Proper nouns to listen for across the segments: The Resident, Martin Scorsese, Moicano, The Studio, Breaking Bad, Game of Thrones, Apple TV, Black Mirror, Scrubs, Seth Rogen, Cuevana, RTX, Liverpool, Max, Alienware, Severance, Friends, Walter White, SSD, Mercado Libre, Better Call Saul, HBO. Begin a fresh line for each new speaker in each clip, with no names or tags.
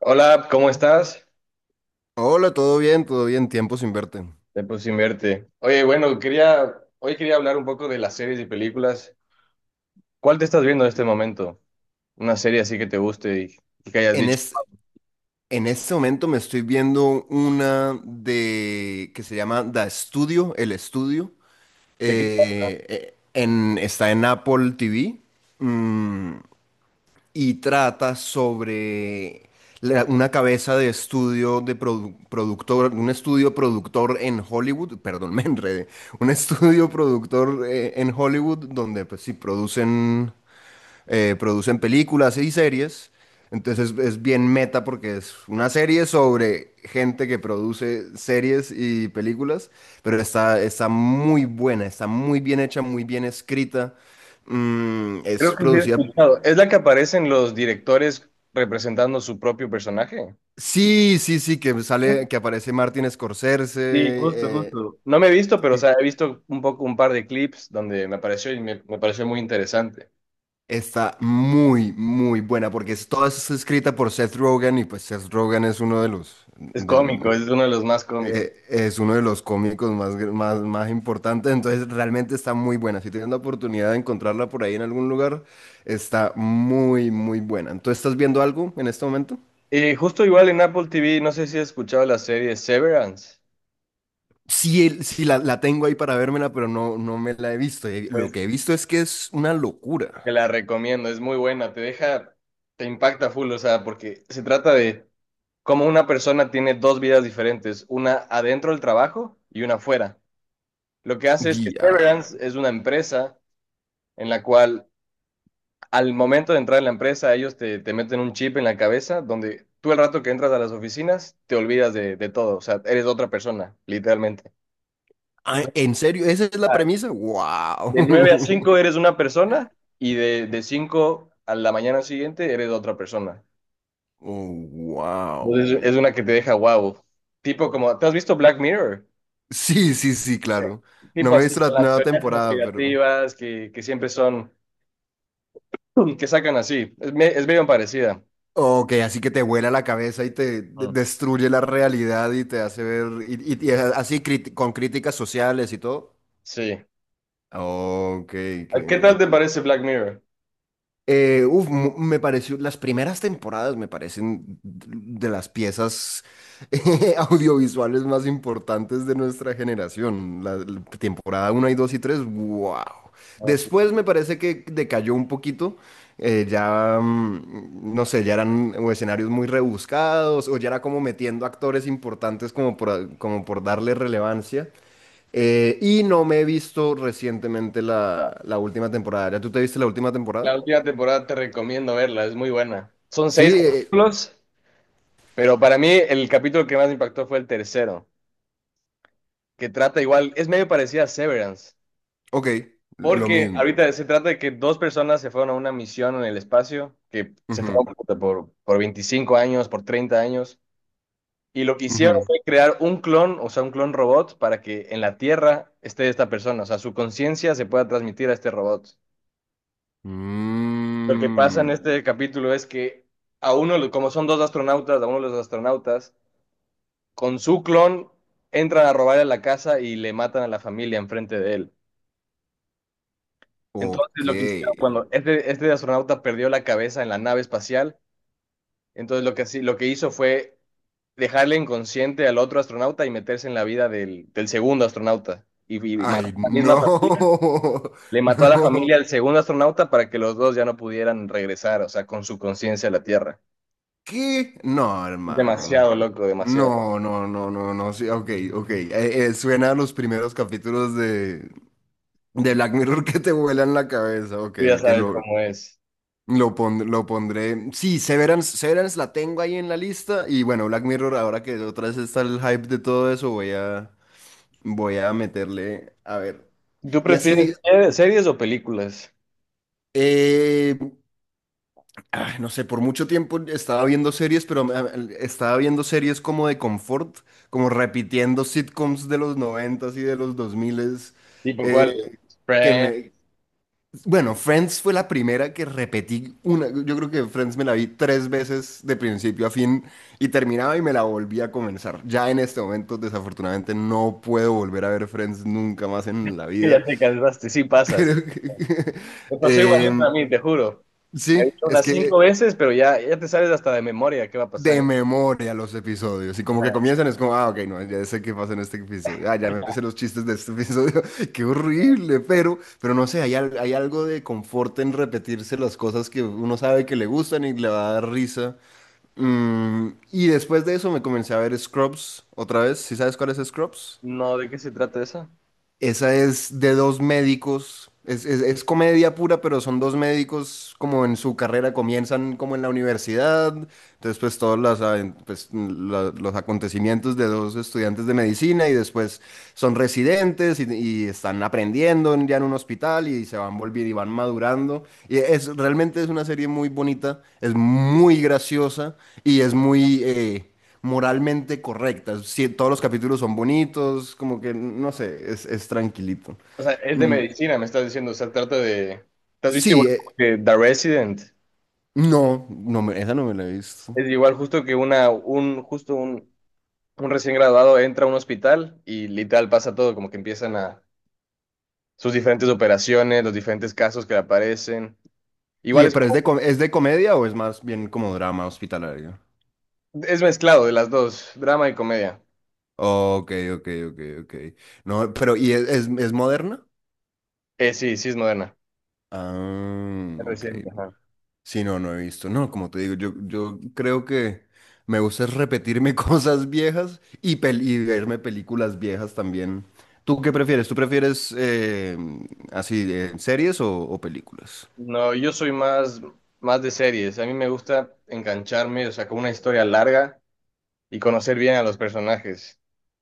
Hola, ¿cómo estás?
Hola, todo bien, tiempo sin verte.
Tiempo sin verte. Oye, bueno, hoy quería hablar un poco de las series y películas. ¿Cuál te estás viendo en este momento? Una serie así que te guste y que hayas
En,
dicho.
es, en este momento me estoy viendo una de que se llama The Studio, El Estudio.
¿De qué?
Está en Apple TV y trata sobre una cabeza de estudio de productor, un estudio productor en Hollywood, perdón, me enredé, un estudio productor en Hollywood donde pues sí producen producen películas y series. Entonces es bien meta porque es una serie sobre gente que produce series y películas, pero está muy buena, está muy bien hecha, muy bien escrita. Es
Creo que sí he
producida...
escuchado. ¿Es la que aparecen los directores representando su propio personaje?
Sí, sí, sí, que sale, que aparece Martin
Sí, justo,
Scorsese.
justo. No me he visto, pero o
Y
sea, he visto un poco un par de clips donde me apareció y me pareció muy interesante.
está muy, muy buena porque toda es escrita por Seth Rogen y pues Seth Rogen es uno de los,
Es cómico,
del-
es uno de los más cómicos.
es uno de los cómicos más más importantes, entonces realmente está muy buena. Si tienes la oportunidad de encontrarla por ahí en algún lugar, está muy, muy buena. ¿Entonces estás viendo algo en este momento?
Y justo igual en Apple TV, no sé si has escuchado la serie Severance.
Sí, sí la tengo ahí para vérmela, pero no, no me la he visto. Lo
Pues.
que he visto es que es una
Te
locura.
la recomiendo, es muy buena, te deja, te impacta full, o sea, porque se trata de cómo una persona tiene dos vidas diferentes, una adentro del trabajo y una afuera. Lo que hace es que
Diablo.
Severance es una empresa en la cual al momento de entrar en la empresa ellos te meten un chip en la cabeza donde tú el rato que entras a las oficinas te olvidas de todo, o sea, eres otra persona, literalmente.
Ah,
Entonces,
¿en serio? ¿Esa es la
ah,
premisa? ¡Wow!
de 9 a 5 eres una persona y de 5 a la mañana siguiente eres otra persona.
Oh, wow.
Entonces, es una que te deja wow. Tipo como, ¿te has visto Black Mirror?
Sí, sí, sí, claro. No
Tipo
me he
así,
visto la
con las
nueva
teorías
temporada, pero...
conspirativas que siempre son, que sacan así. Es medio parecida.
Ok, así que te vuela la cabeza y te
Ujú.
destruye la realidad y te hace ver, y así con críticas sociales y todo.
Sí.
Ok, que
¿A? ¿Qué tal te parece Black Mirror?
uf, me pareció, las primeras temporadas me parecen de las piezas audiovisuales más importantes de nuestra generación. La temporada uno y 2 y tres, wow.
Ah, sí.
Después me parece que decayó un poquito. Ya, no sé, ya eran o escenarios muy rebuscados o ya era como metiendo actores importantes como como por darle relevancia. Y no me he visto recientemente la última temporada. ¿Ya tú te viste la última temporada?
La última temporada te recomiendo verla, es muy buena. Son
Sí,
seis capítulos, pero para mí el capítulo que más me impactó fue el tercero, que trata igual, es medio parecida a Severance.
ok, lo
Porque
mismo.
ahorita se trata de que dos personas se fueron a una misión en el espacio, que se
Ujú,
fueron puta, por 25 años, por 30 años, y lo que hicieron
ujú.
fue crear un clon, o sea, un clon robot, para que en la Tierra esté esta persona, o sea, su conciencia se pueda transmitir a este robot. Lo que pasa en
Mm,
este capítulo es que a uno, como son dos astronautas, a uno de los astronautas, con su clon entran a robarle la casa y le matan a la familia enfrente de él. Entonces lo que hicieron
ok.
cuando este astronauta perdió la cabeza en la nave espacial, entonces lo que, lo que hizo fue dejarle inconsciente al otro astronauta y meterse en la vida del segundo astronauta. Y mató a
Ay,
la misma
no,
familia, le mató a la familia
no.
al segundo astronauta para que los dos ya no pudieran regresar, o sea, con su conciencia a la Tierra.
¿Qué? No,
Es
hermano.
demasiado loco, demasiado.
No, no, no, no, no. Sí, ok, ok. Suena a los primeros capítulos de Black Mirror que te vuelan la cabeza. Ok,
Tú ya
ok,
sabes cómo es.
lo pondré. Sí, Severance, Severance la tengo ahí en la lista. Y bueno, Black Mirror, ahora que otra vez está el hype de todo eso, voy a... Voy a meterle, a ver.
¿Tú
Y así, di-
prefieres series o películas?
eh, no sé, por mucho tiempo estaba viendo series, estaba viendo series como de confort, como repitiendo sitcoms de los noventas y de los dos miles,
¿Tipo cuál?
eh, que
Friends,
me... Bueno, Friends fue la primera que repetí una, yo creo que Friends me la vi tres veces de principio a fin y terminaba y me la volví a comenzar. Ya en este momento, desafortunadamente, no puedo volver a ver Friends nunca más en la
que
vida.
ya te cansaste, sí pasa.
Creo que...
Me pasó igualito a
Em,
mí, te juro. Me he
sí,
dicho
es
unas cinco
que
veces, pero ya, ya te sabes hasta de memoria qué va a
de
pasar.
memoria los episodios. Y como que
Ajá.
comienzan, es como, ah, ok, no, ya sé qué pasa en este episodio. Ah, ya me sé los chistes de este episodio. Qué horrible, pero no sé, hay algo de confort en repetirse las cosas que uno sabe que le gustan y le va a dar risa. Mm, y después de eso me comencé a ver Scrubs otra vez. ¿Sí sabes cuál es Scrubs?
No, ¿de qué se trata eso?
Esa es de dos médicos, es comedia pura, pero son dos médicos como en su carrera, comienzan como en la universidad, entonces pues todos pues, los acontecimientos de dos estudiantes de medicina y después son residentes y están aprendiendo ya en un hospital y se van volviendo y van madurando. Y realmente es una serie muy bonita, es muy graciosa y es muy... moralmente correcta. Sí, todos los capítulos son bonitos, como que, no sé, es tranquilito.
O sea, es de medicina, me estás diciendo. O sea, trata de. ¿Te has visto
Sí,
igual como que The Resident?
no, esa no me la he visto.
Es igual justo que una, un, justo un recién graduado entra a un hospital y literal pasa todo, como que empiezan a sus diferentes operaciones, los diferentes casos que le aparecen.
Y,
Igual es
pero es
como,
de, ¿es de comedia o es más bien como drama hospitalario?
es mezclado de las dos, drama y comedia.
Ok, ok, ok, ok. No, pero, ¿y es moderna?
Sí, sí es moderna.
Ah,
Es
ok.
reciente, ajá.
Sí, no, no he visto. No, como te digo, yo creo que me gusta es repetirme cosas viejas y verme películas viejas también. ¿Tú qué prefieres? ¿Tú prefieres así de series o películas?
No, yo soy más de series. A mí me gusta engancharme, o sea, con una historia larga y conocer bien a los personajes.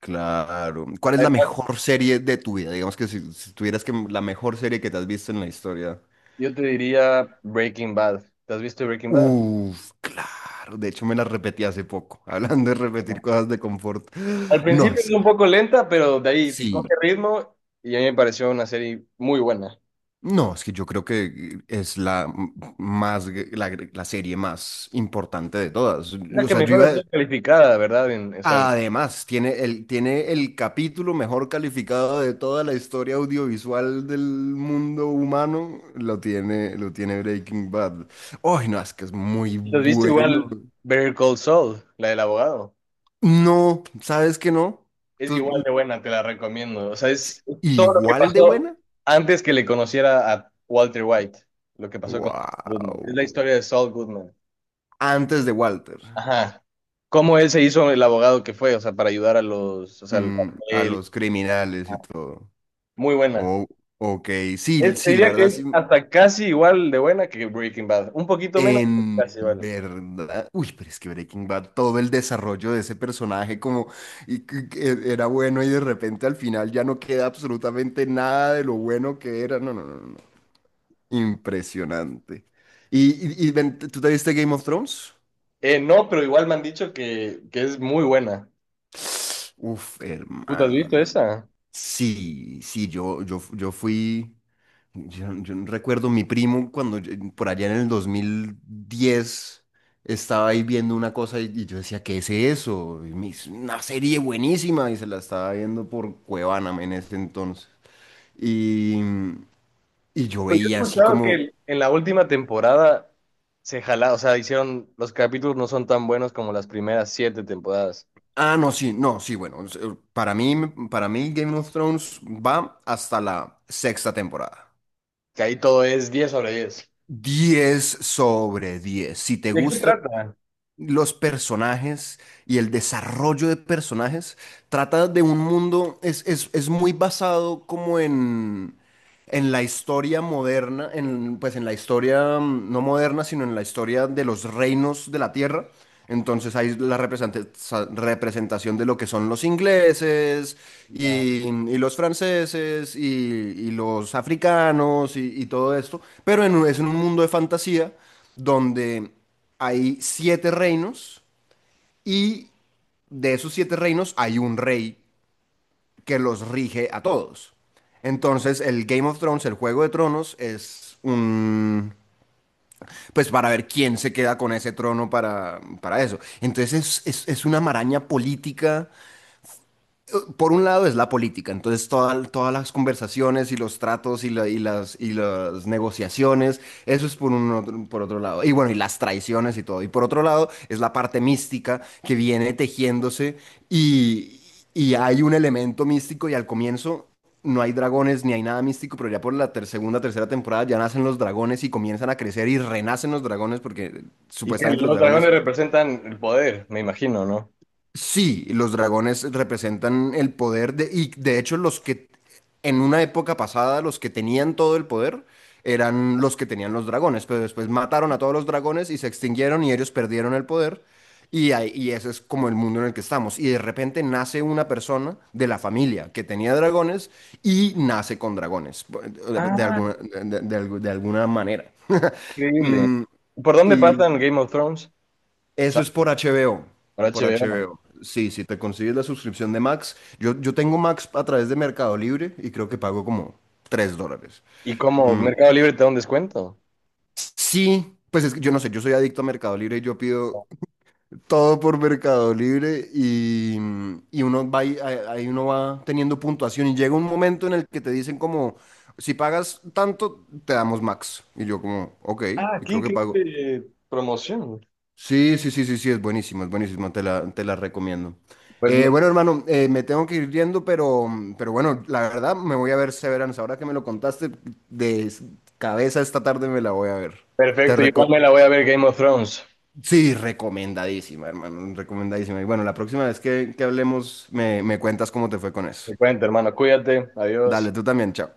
Claro. ¿Cuál es la
Además,
mejor serie de tu vida? Digamos que si, si tuvieras que la mejor serie que te has visto en la historia.
yo te diría Breaking Bad. ¿Te has visto Breaking Bad?
Uf, claro. De hecho, me la repetí hace poco. Hablando de repetir
No.
cosas de confort.
Al
No,
principio es
es
un
que
poco lenta, pero de ahí
sí.
coge ritmo y a mí me pareció una serie muy buena.
No, es que yo creo que es la m- más gr- la serie más importante de todas.
Es la
O
que
sea, yo
mejor ha
iba
sido calificada, ¿verdad? En, o sea,
además tiene el capítulo mejor calificado de toda la historia audiovisual del mundo humano, lo tiene Breaking Bad. Ay, no, es que es muy
¿te has visto
bueno.
igual Better Call Saul, la del abogado?
No, ¿sabes que no?
Es igual
¿Tú-
de buena, te la recomiendo. O sea, es todo lo que
¿Igual de
pasó
buena?
antes que le conociera a Walter White, lo que pasó con Saul Goodman. Es la
Wow.
historia de Saul Goodman.
Antes de Walter.
Ajá. Cómo él se hizo el abogado que fue, o sea, para ayudar a los, o sea, al
Mm, a
cartel.
los criminales
Ah,
y todo.
muy buena.
Oh, ok, sí,
Te
sí, la
diría que
verdad,
es
sí,
hasta casi igual de buena que Breaking Bad. Un poquito menos, pero
en
casi igual.
verdad, uy, pero es que Breaking Bad, todo el desarrollo de ese personaje como y, que era bueno y de repente al final ya no queda absolutamente nada de lo bueno que era, no, no, no, no, no. Impresionante. ¿Y, ¿Y ven, tú te viste Game of Thrones?
No, pero igual me han dicho que es muy buena.
Uf,
¿Tú te has visto
hermano,
esa?
sí, sí, yo fui... Yo no recuerdo mi primo cuando por allá en el 2010 estaba ahí viendo una cosa y yo decía, ¿qué es eso? Y me hizo una serie buenísima y se la estaba viendo por Cuevana en ese entonces. Y, y yo
Pues yo
veía
he
así
escuchado que
como,
en la última temporada se jala, o sea, hicieron, los capítulos no son tan buenos como las primeras siete temporadas,
ah, no, sí, no, sí, bueno, para mí Game of Thrones va hasta la sexta temporada.
que ahí todo es 10/10.
Diez sobre diez. Si te
¿De qué
gusta,
trata?
los personajes y el desarrollo de personajes. Trata de un mundo, es muy basado como en la historia moderna, en, pues en la historia, mm, no moderna, sino en la historia de los reinos de la tierra. Entonces hay la representación de lo que son los ingleses
Ya.
y los franceses y los africanos y todo esto, pero en es un mundo de fantasía donde hay siete reinos y de esos siete reinos hay un rey que los rige a todos. Entonces, el Game of Thrones, el Juego de Tronos, es un... Pues para ver quién se queda con ese trono para eso. Entonces, es una maraña política eso, por un lado, es la política. Entonces, todas las conversaciones y los tratos y las negociaciones, eso es por, un otro, por otro lado. Y bueno, y las traiciones y todo. Y por otro lado, es la parte mística que viene tejiéndose y, y hay un elemento místico y al comienzo... No hay dragones ni hay nada místico, pero ya por la segunda, tercera temporada ya nacen los dragones y comienzan a crecer y renacen los dragones porque
Y que
supuestamente los
los
dragones...
dragones representan el poder, me imagino, ¿no?
Sí, los dragones representan el poder de, y de hecho los que en una época pasada los que tenían todo el poder eran los que tenían los dragones, pero después mataron a todos los dragones y se extinguieron y ellos perdieron el poder y ese es como el mundo en el que estamos. Y de repente nace una persona de la familia que tenía dragones y nace con dragones, de
Ah,
alguna, de alguna manera.
increíble.
Mm,
¿Por dónde
y,
pasan Game of Thrones?
Eso es
¿Sabes?
por HBO,
Por
por
HBO.
HBO. Sí, si te consigues la suscripción de Max, yo tengo Max a través de Mercado Libre y creo que pago como $3.
¿Y cómo Mercado Libre te da un descuento?
Sí, pues es que yo no sé, yo soy adicto a Mercado Libre y yo pido todo por Mercado Libre y uno va, ahí uno va teniendo puntuación y llega un momento en el que te dicen como, si pagas tanto, te damos Max. Y yo como, ok,
Ah,
y
qué
creo que pago.
increíble promoción.
Sí, sí, sí, sí, sí, es buenísimo, te la recomiendo.
Pues
Bueno, hermano, me tengo que ir yendo, pero bueno, la verdad me voy a ver Severance. Ahora que me lo contaste de s- cabeza, esta tarde me la voy a ver. Te
perfecto, igual
reco-
me la voy a ver Game of Thrones.
sí, recomendadísima, hermano, recomendadísima. Y bueno, la próxima vez que hablemos me cuentas cómo te fue con eso.
Te cuento, hermano, cuídate, adiós.
Dale, tú también, chao.